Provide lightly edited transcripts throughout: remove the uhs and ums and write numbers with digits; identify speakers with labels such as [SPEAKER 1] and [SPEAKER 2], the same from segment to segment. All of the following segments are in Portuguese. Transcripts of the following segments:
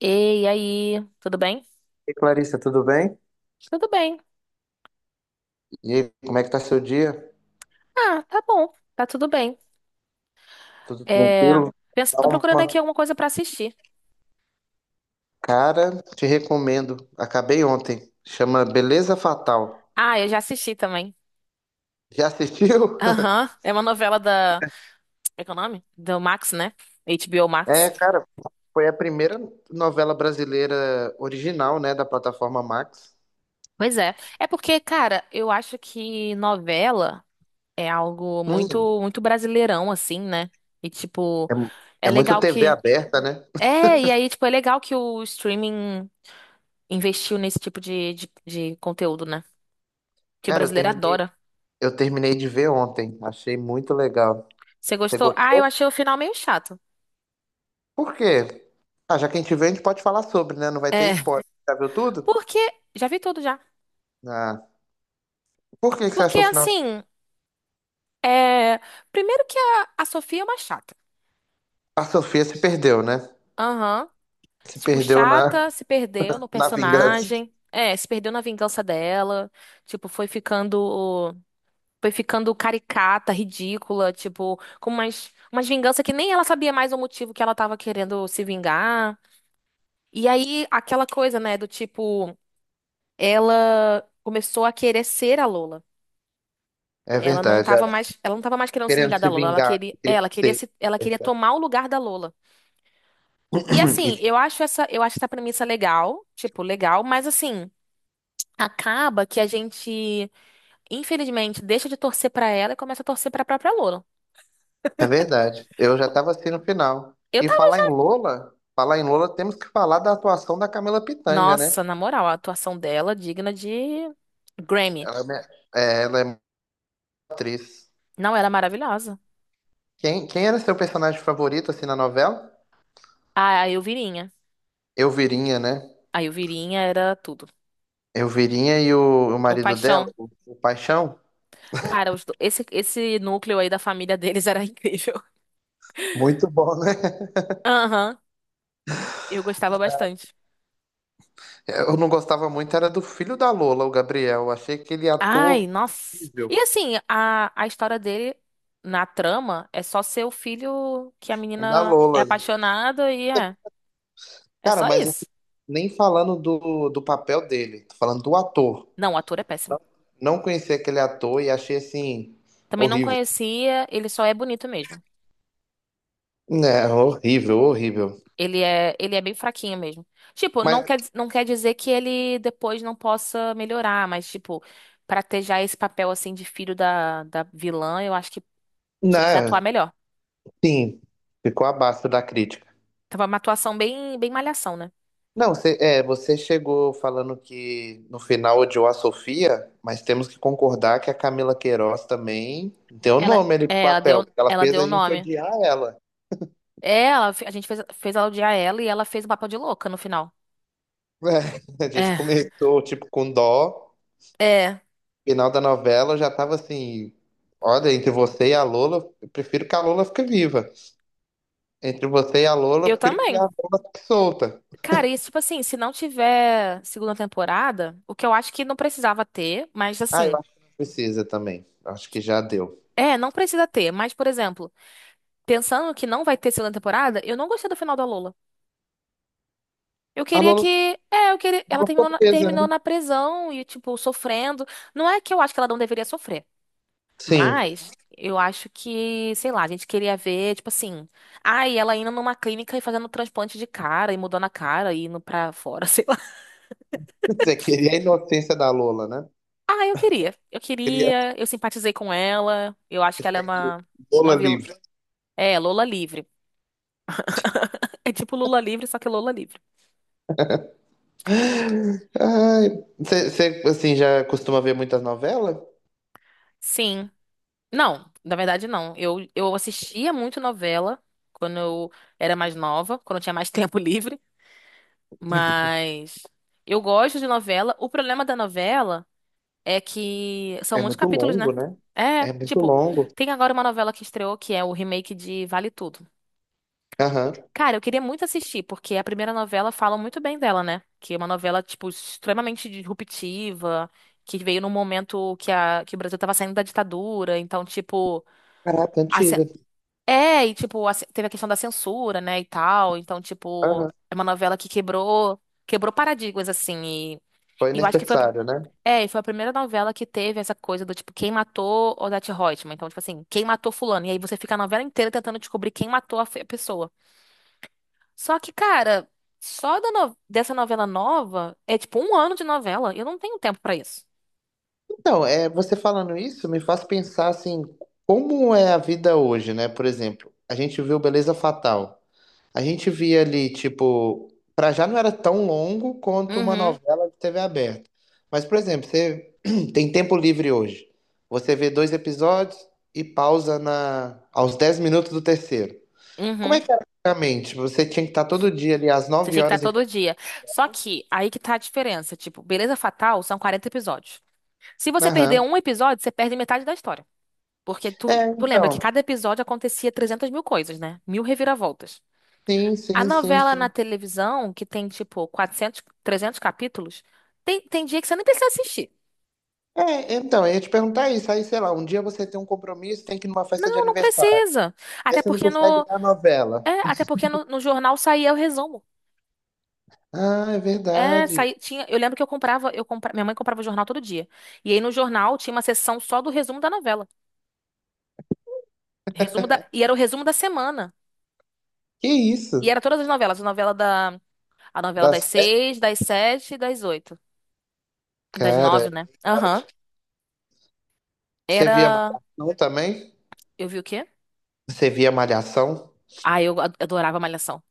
[SPEAKER 1] Ei, e aí, tudo bem?
[SPEAKER 2] E Clarissa, tudo bem?
[SPEAKER 1] Tudo bem.
[SPEAKER 2] E aí, como é que tá seu dia?
[SPEAKER 1] Ah, tá bom, tá tudo bem.
[SPEAKER 2] Tudo
[SPEAKER 1] É,
[SPEAKER 2] tranquilo?
[SPEAKER 1] tô procurando
[SPEAKER 2] Calma.
[SPEAKER 1] aqui alguma coisa pra assistir.
[SPEAKER 2] Cara, te recomendo. Acabei ontem. Chama Beleza Fatal.
[SPEAKER 1] Ah, eu já assisti também.
[SPEAKER 2] Já assistiu?
[SPEAKER 1] Aham, é uma novela da. É que é o nome? Do Max, né? HBO Max.
[SPEAKER 2] É, cara, foi a primeira novela brasileira original, né, da plataforma Max.
[SPEAKER 1] Pois é. É porque, cara, eu acho que novela é algo
[SPEAKER 2] Hum,
[SPEAKER 1] muito, muito brasileirão, assim, né? E, tipo,
[SPEAKER 2] é, mu-
[SPEAKER 1] é
[SPEAKER 2] é muito
[SPEAKER 1] legal
[SPEAKER 2] TV
[SPEAKER 1] que.
[SPEAKER 2] aberta, né?
[SPEAKER 1] É, e aí, tipo, é legal que o streaming investiu nesse tipo de conteúdo, né? Que o
[SPEAKER 2] Cara,
[SPEAKER 1] brasileiro adora.
[SPEAKER 2] eu terminei de ver ontem. Achei muito legal.
[SPEAKER 1] Você
[SPEAKER 2] Você
[SPEAKER 1] gostou? Ah, eu
[SPEAKER 2] gostou?
[SPEAKER 1] achei o final meio chato.
[SPEAKER 2] Por quê? Ah, já que a gente vê, a gente pode falar sobre, né? Não vai ter
[SPEAKER 1] É,
[SPEAKER 2] spoiler. Já viu tudo?
[SPEAKER 1] porque. Já vi tudo já.
[SPEAKER 2] Ah. Por que que você acha
[SPEAKER 1] Porque,
[SPEAKER 2] que o final?
[SPEAKER 1] assim. É. Primeiro que a Sofia é uma chata.
[SPEAKER 2] A Sofia se perdeu, né?
[SPEAKER 1] Aham.
[SPEAKER 2] Se
[SPEAKER 1] Tipo,
[SPEAKER 2] perdeu na,
[SPEAKER 1] chata, se perdeu no
[SPEAKER 2] na vingança.
[SPEAKER 1] personagem. É, se perdeu na vingança dela. Tipo, foi ficando. Foi ficando caricata, ridícula. Tipo, com umas vinganças que nem ela sabia mais o motivo que ela tava querendo se vingar. E aí, aquela coisa, né? Do tipo. Ela começou a querer ser a Lola.
[SPEAKER 2] É
[SPEAKER 1] Ela não
[SPEAKER 2] verdade.
[SPEAKER 1] tava
[SPEAKER 2] Ela
[SPEAKER 1] mais, ela não tava mais querendo se
[SPEAKER 2] Querendo
[SPEAKER 1] vingar da
[SPEAKER 2] se
[SPEAKER 1] Lola, ela
[SPEAKER 2] vingar,
[SPEAKER 1] queria, é,
[SPEAKER 2] querendo
[SPEAKER 1] ela queria
[SPEAKER 2] ser.
[SPEAKER 1] se, ela
[SPEAKER 2] É
[SPEAKER 1] queria
[SPEAKER 2] verdade.
[SPEAKER 1] tomar o lugar da Lola. E assim,
[SPEAKER 2] E-
[SPEAKER 1] eu acho essa premissa legal, tipo, legal, mas assim, acaba que a gente, infelizmente, deixa de torcer pra ela e começa a torcer pra própria Lola.
[SPEAKER 2] é verdade. Eu já estava assim no final.
[SPEAKER 1] Eu
[SPEAKER 2] E
[SPEAKER 1] tava,
[SPEAKER 2] falar em Lola, temos que falar da atuação da Camila Pitanga, né?
[SPEAKER 1] nossa, na moral, a atuação dela digna de Grammy.
[SPEAKER 2] Ela é, minha- É, ela é uma atriz.
[SPEAKER 1] Não, ela é maravilhosa.
[SPEAKER 2] Quem era seu personagem favorito assim na novela?
[SPEAKER 1] A Elvirinha.
[SPEAKER 2] Elvirinha, né?
[SPEAKER 1] A Elvirinha era tudo.
[SPEAKER 2] Elvirinha e o
[SPEAKER 1] O
[SPEAKER 2] marido dela,
[SPEAKER 1] Paixão.
[SPEAKER 2] o Paixão.
[SPEAKER 1] Cara, esse núcleo aí da família deles era incrível.
[SPEAKER 2] Muito bom, né?
[SPEAKER 1] Aham. Eu gostava bastante.
[SPEAKER 2] Eu não gostava muito, era do filho da Lola, o Gabriel. Eu achei aquele
[SPEAKER 1] Ai,
[SPEAKER 2] ator
[SPEAKER 1] nossa.
[SPEAKER 2] horrível
[SPEAKER 1] E assim, a história dele na trama é só ser o filho que a
[SPEAKER 2] da
[SPEAKER 1] menina é
[SPEAKER 2] Lola.
[SPEAKER 1] apaixonada e é. É
[SPEAKER 2] Cara,
[SPEAKER 1] só
[SPEAKER 2] mas assim,
[SPEAKER 1] isso.
[SPEAKER 2] nem falando do papel dele, tô falando do ator.
[SPEAKER 1] Não, o ator é péssimo.
[SPEAKER 2] Não conheci aquele ator e achei assim,
[SPEAKER 1] Também não
[SPEAKER 2] horrível.
[SPEAKER 1] conhecia, ele só é bonito mesmo.
[SPEAKER 2] Né, horrível, horrível.
[SPEAKER 1] Ele é bem fraquinho mesmo. Tipo, não
[SPEAKER 2] Mas,
[SPEAKER 1] quer, não quer dizer que ele depois não possa melhorar, mas, tipo, pra ter já esse papel assim de filho da vilã, eu acho que tinha que atuar
[SPEAKER 2] né,
[SPEAKER 1] melhor.
[SPEAKER 2] sim, ficou abaixo da crítica.
[SPEAKER 1] Tava uma atuação bem, bem malhação, né?
[SPEAKER 2] Não, você chegou falando que no final odiou a Sofia, mas temos que concordar que a Camila Queiroz também deu
[SPEAKER 1] Ela,
[SPEAKER 2] nome ali pro
[SPEAKER 1] é, ela
[SPEAKER 2] papel,
[SPEAKER 1] deu,
[SPEAKER 2] porque ela
[SPEAKER 1] ela
[SPEAKER 2] fez
[SPEAKER 1] deu o
[SPEAKER 2] a gente
[SPEAKER 1] nome.
[SPEAKER 2] odiar ela.
[SPEAKER 1] É, a gente fez, ela odiar ela e ela fez o papel de louca no final.
[SPEAKER 2] É, a gente
[SPEAKER 1] É,
[SPEAKER 2] começou, tipo, com dó.
[SPEAKER 1] é,
[SPEAKER 2] Final da novela já tava assim: olha, entre você e a Lola, eu prefiro que a Lola fique viva. Entre você e a Lola, eu
[SPEAKER 1] eu
[SPEAKER 2] prefiro que a
[SPEAKER 1] também.
[SPEAKER 2] Lola fique solta.
[SPEAKER 1] Cara, isso, tipo assim, se não tiver segunda temporada, o que eu acho que não precisava ter, mas
[SPEAKER 2] Ah, eu
[SPEAKER 1] assim,
[SPEAKER 2] acho que não precisa também. Eu acho que já deu.
[SPEAKER 1] não precisa ter, mas, por exemplo, pensando que não vai ter segunda temporada, eu não gostei do final da Lola. Eu
[SPEAKER 2] A
[SPEAKER 1] queria que,
[SPEAKER 2] Lola,
[SPEAKER 1] é, eu queria,
[SPEAKER 2] a
[SPEAKER 1] ela
[SPEAKER 2] Lola
[SPEAKER 1] terminou
[SPEAKER 2] ficou
[SPEAKER 1] na,
[SPEAKER 2] presa,
[SPEAKER 1] terminou
[SPEAKER 2] né?
[SPEAKER 1] na prisão e, tipo, sofrendo. Não é que eu acho que ela não deveria sofrer.
[SPEAKER 2] Sim.
[SPEAKER 1] Mas eu acho que, sei lá, a gente queria ver, tipo assim, ai, ela indo numa clínica e fazendo transplante de cara e mudando a cara e indo pra fora, sei lá.
[SPEAKER 2] Você queria a inocência da Lola, né?
[SPEAKER 1] Ah, eu queria. Eu
[SPEAKER 2] Queria
[SPEAKER 1] queria, eu simpatizei com ela. Eu acho que ela é
[SPEAKER 2] que
[SPEAKER 1] uma
[SPEAKER 2] Lola
[SPEAKER 1] vilã.
[SPEAKER 2] livre.
[SPEAKER 1] É, Lola livre. É tipo Lula livre, só que Lola livre.
[SPEAKER 2] Ai, você, assim, já costuma ver muitas novelas?
[SPEAKER 1] Sim. Não, na verdade não. Eu assistia muito novela quando eu era mais nova, quando eu tinha mais tempo livre, mas eu gosto de novela. O problema da novela é que são
[SPEAKER 2] É
[SPEAKER 1] muitos
[SPEAKER 2] muito
[SPEAKER 1] capítulos, né?
[SPEAKER 2] longo, né?
[SPEAKER 1] É,
[SPEAKER 2] É muito
[SPEAKER 1] tipo,
[SPEAKER 2] longo.
[SPEAKER 1] tem agora uma novela que estreou que é o remake de Vale Tudo. E,
[SPEAKER 2] Aham.
[SPEAKER 1] cara, eu queria muito assistir, porque a primeira novela fala muito bem dela, né? Que é uma novela, tipo, extremamente disruptiva, que veio num momento que o Brasil tava saindo da ditadura, então, tipo,
[SPEAKER 2] Caraca,
[SPEAKER 1] a cen-
[SPEAKER 2] antiga.
[SPEAKER 1] é, e, tipo, teve a questão da censura, né, e tal, então, tipo, é uma novela que quebrou paradigmas, assim, e,
[SPEAKER 2] Foi
[SPEAKER 1] e eu acho que foi
[SPEAKER 2] necessário, né?
[SPEAKER 1] é, e foi a primeira novela que teve essa coisa do tipo, quem matou Odete Roitman? Então, tipo assim, quem matou fulano? E aí você fica a novela inteira tentando descobrir quem matou a pessoa. Só que, cara, só da no- dessa novela nova é tipo um ano de novela. Eu não tenho tempo pra isso.
[SPEAKER 2] Então, é, você falando isso me faz pensar assim, como é a vida hoje, né? Por exemplo, a gente viu Beleza Fatal. A gente via ali, tipo, pra já não era tão longo quanto uma
[SPEAKER 1] Uhum,
[SPEAKER 2] novela de TV aberta. Mas, por exemplo, você tem tempo livre hoje. Você vê dois episódios e pausa na aos 10 minutos do terceiro. Como é
[SPEAKER 1] uhum.
[SPEAKER 2] que era antigamente? Você tinha que estar todo dia ali às
[SPEAKER 1] Você
[SPEAKER 2] 9
[SPEAKER 1] tinha que estar
[SPEAKER 2] horas em...
[SPEAKER 1] todo dia. Só que aí que tá a diferença. Tipo, Beleza Fatal são 40 episódios. Se você perder
[SPEAKER 2] Aham.
[SPEAKER 1] um episódio, você perde metade da história. Porque tu,
[SPEAKER 2] É,
[SPEAKER 1] tu lembra que
[SPEAKER 2] então.
[SPEAKER 1] cada episódio acontecia 300 mil coisas, né? Mil reviravoltas.
[SPEAKER 2] Sim,
[SPEAKER 1] A
[SPEAKER 2] sim, sim,
[SPEAKER 1] novela na
[SPEAKER 2] sim.
[SPEAKER 1] televisão, que tem tipo 400, 300 capítulos, tem dia que você nem precisa assistir.
[SPEAKER 2] É, então, eu ia te perguntar isso. Aí, sei lá, um dia você tem um compromisso, tem que ir numa festa de
[SPEAKER 1] Não, não
[SPEAKER 2] aniversário.
[SPEAKER 1] precisa.
[SPEAKER 2] Aí
[SPEAKER 1] Até
[SPEAKER 2] você não
[SPEAKER 1] porque
[SPEAKER 2] consegue
[SPEAKER 1] no,
[SPEAKER 2] ver a novela.
[SPEAKER 1] é, até porque no, no jornal saía o resumo.
[SPEAKER 2] Ah, é
[SPEAKER 1] É,
[SPEAKER 2] verdade.
[SPEAKER 1] eu lembro que eu comprava, eu compra, minha mãe comprava o jornal todo dia. E aí no jornal tinha uma seção só do resumo da novela. E era o resumo da semana.
[SPEAKER 2] Que
[SPEAKER 1] E
[SPEAKER 2] isso?
[SPEAKER 1] era todas as novelas, a novela
[SPEAKER 2] Dá
[SPEAKER 1] das
[SPEAKER 2] certo?
[SPEAKER 1] seis, das sete e das oito. Das nove,
[SPEAKER 2] Cara,
[SPEAKER 1] né? Aham.
[SPEAKER 2] você via
[SPEAKER 1] Era.
[SPEAKER 2] Malhação também?
[SPEAKER 1] Eu vi o quê?
[SPEAKER 2] Você via Malhação?
[SPEAKER 1] Ah, eu adorava Malhação.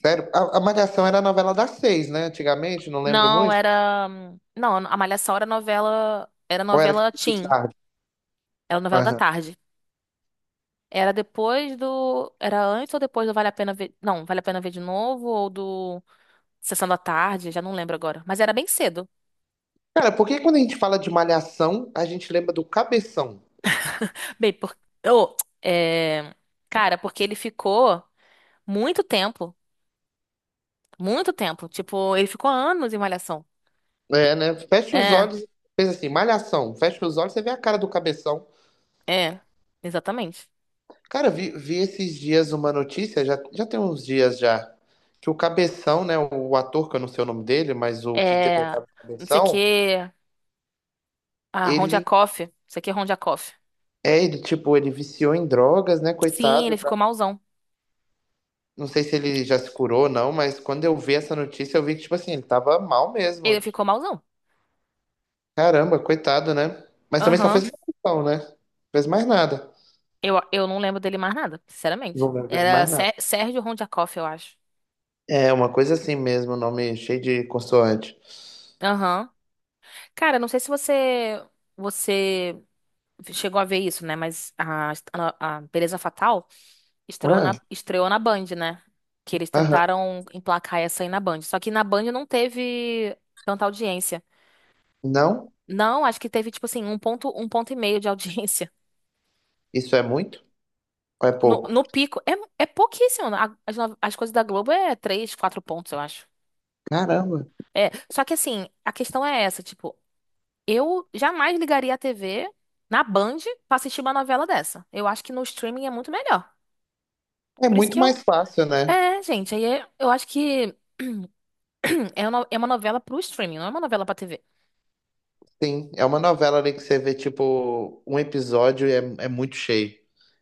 [SPEAKER 2] Sério? A Malhação era a novela das seis, né? Antigamente, não lembro
[SPEAKER 1] Não,
[SPEAKER 2] muito.
[SPEAKER 1] era. Não, a Malhação era novela. Era
[SPEAKER 2] Ou era
[SPEAKER 1] novela
[SPEAKER 2] tipo de
[SPEAKER 1] teen.
[SPEAKER 2] tarde?
[SPEAKER 1] Era novela da
[SPEAKER 2] Aham.
[SPEAKER 1] tarde. Era depois do. Era antes ou depois do Vale a Pena Ver. Não, Vale a Pena Ver de novo ou do Sessão da Tarde, já não lembro agora. Mas era bem cedo.
[SPEAKER 2] Cara, por que quando a gente fala de Malhação, a gente lembra do Cabeção?
[SPEAKER 1] Bem, porque. Cara, porque ele ficou muito tempo. Muito tempo. Tipo, ele ficou anos em Malhação.
[SPEAKER 2] É, né? Fecha os
[SPEAKER 1] É,
[SPEAKER 2] olhos, pensa assim, Malhação. Fecha os olhos, você vê a cara do Cabeção.
[SPEAKER 1] é. Exatamente.
[SPEAKER 2] Cara, vi esses dias uma notícia, já tem uns dias já, que o Cabeção, né, o ator, que eu não sei o nome dele, mas o que
[SPEAKER 1] É.
[SPEAKER 2] interpretava o
[SPEAKER 1] Não sei o
[SPEAKER 2] Cabeção,
[SPEAKER 1] que. Ah, Ron
[SPEAKER 2] ele
[SPEAKER 1] Jacoff. Não sei o que, Ron Jacoff.
[SPEAKER 2] é, ele viciou em drogas, né,
[SPEAKER 1] Sim, ele
[SPEAKER 2] coitado. Tá?
[SPEAKER 1] ficou mauzão.
[SPEAKER 2] Não sei se ele já se curou ou não, mas quando eu vi essa notícia, eu vi que, tipo assim, ele tava mal mesmo.
[SPEAKER 1] Ele ficou malzão.
[SPEAKER 2] Caramba, coitado, né? Mas também só
[SPEAKER 1] Aham.
[SPEAKER 2] fez maldição, né? Não fez mais nada.
[SPEAKER 1] Eu não lembro dele mais nada, sinceramente.
[SPEAKER 2] Não lembro dele
[SPEAKER 1] Era
[SPEAKER 2] mais nada.
[SPEAKER 1] Sérgio Rondiakoff, eu acho.
[SPEAKER 2] É, uma coisa assim mesmo, nome cheio de consoante.
[SPEAKER 1] Aham. Cara, não sei se você chegou a ver isso, né? Mas a Beleza Fatal estreou
[SPEAKER 2] Ah,
[SPEAKER 1] na, estreou na Band, né? Que eles
[SPEAKER 2] aham.
[SPEAKER 1] tentaram emplacar essa aí na Band. Só que na Band não teve tanta audiência.
[SPEAKER 2] Não?
[SPEAKER 1] Não, acho que teve, tipo assim, um ponto e meio de audiência.
[SPEAKER 2] Isso é muito? Ou é
[SPEAKER 1] No,
[SPEAKER 2] pouco?
[SPEAKER 1] no pico, é pouquíssimo. As, as coisas da Globo é 3, 4 pontos, eu acho.
[SPEAKER 2] Caramba.
[SPEAKER 1] É, só que assim, a questão é essa, tipo, eu jamais ligaria a TV na Band pra assistir uma novela dessa. Eu acho que no streaming é muito melhor.
[SPEAKER 2] É
[SPEAKER 1] Por isso
[SPEAKER 2] muito
[SPEAKER 1] que eu.
[SPEAKER 2] mais fácil, né?
[SPEAKER 1] É, gente, aí eu acho que é uma novela pro streaming, não é uma novela pra TV.
[SPEAKER 2] Sim, é uma novela ali que você vê, tipo, um episódio é, é muito cheio.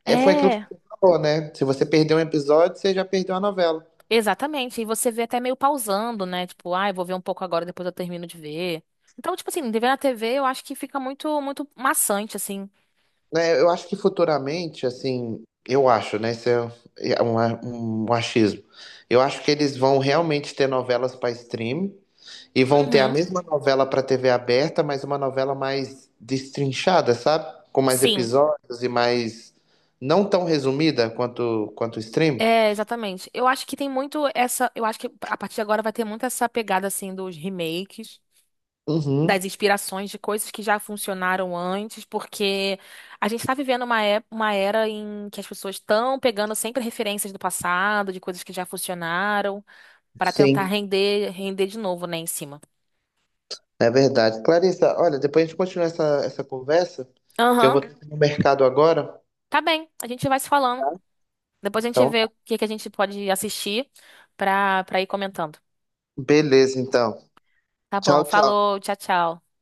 [SPEAKER 2] É, foi aquilo que
[SPEAKER 1] É,
[SPEAKER 2] você falou, né? Se você perdeu um episódio, você já perdeu a novela.
[SPEAKER 1] exatamente. E você vê até meio pausando, né? Tipo, ah, eu vou ver um pouco agora, depois eu termino de ver. Então, tipo assim, de ver na TV eu acho que fica muito, muito maçante, assim.
[SPEAKER 2] Né? Eu acho que futuramente, assim, eu acho, né? Isso é um achismo. Eu acho que eles vão realmente ter novelas para stream. E vão ter a
[SPEAKER 1] Uhum.
[SPEAKER 2] mesma novela para TV aberta, mas uma novela mais destrinchada, sabe? Com mais
[SPEAKER 1] Sim.
[SPEAKER 2] episódios e mais. Não tão resumida quanto o stream.
[SPEAKER 1] É, exatamente. Eu acho que tem muito essa. Eu acho que a partir de agora vai ter muito essa pegada assim dos remakes,
[SPEAKER 2] Uhum,
[SPEAKER 1] das inspirações de coisas que já funcionaram antes, porque a gente tá vivendo uma era em que as pessoas estão pegando sempre referências do passado, de coisas que já funcionaram, para tentar
[SPEAKER 2] sim,
[SPEAKER 1] render de novo, né, em cima.
[SPEAKER 2] é verdade. Clarissa, olha, depois a gente continua essa conversa, que eu vou
[SPEAKER 1] Aham,
[SPEAKER 2] ter que ir no mercado agora.
[SPEAKER 1] tá bem. A gente vai se falando. Depois a gente
[SPEAKER 2] Então,
[SPEAKER 1] vê o que que a gente pode assistir pra ir comentando.
[SPEAKER 2] beleza, então.
[SPEAKER 1] Tá bom,
[SPEAKER 2] Tchau, tchau.
[SPEAKER 1] falou, tchau, tchau.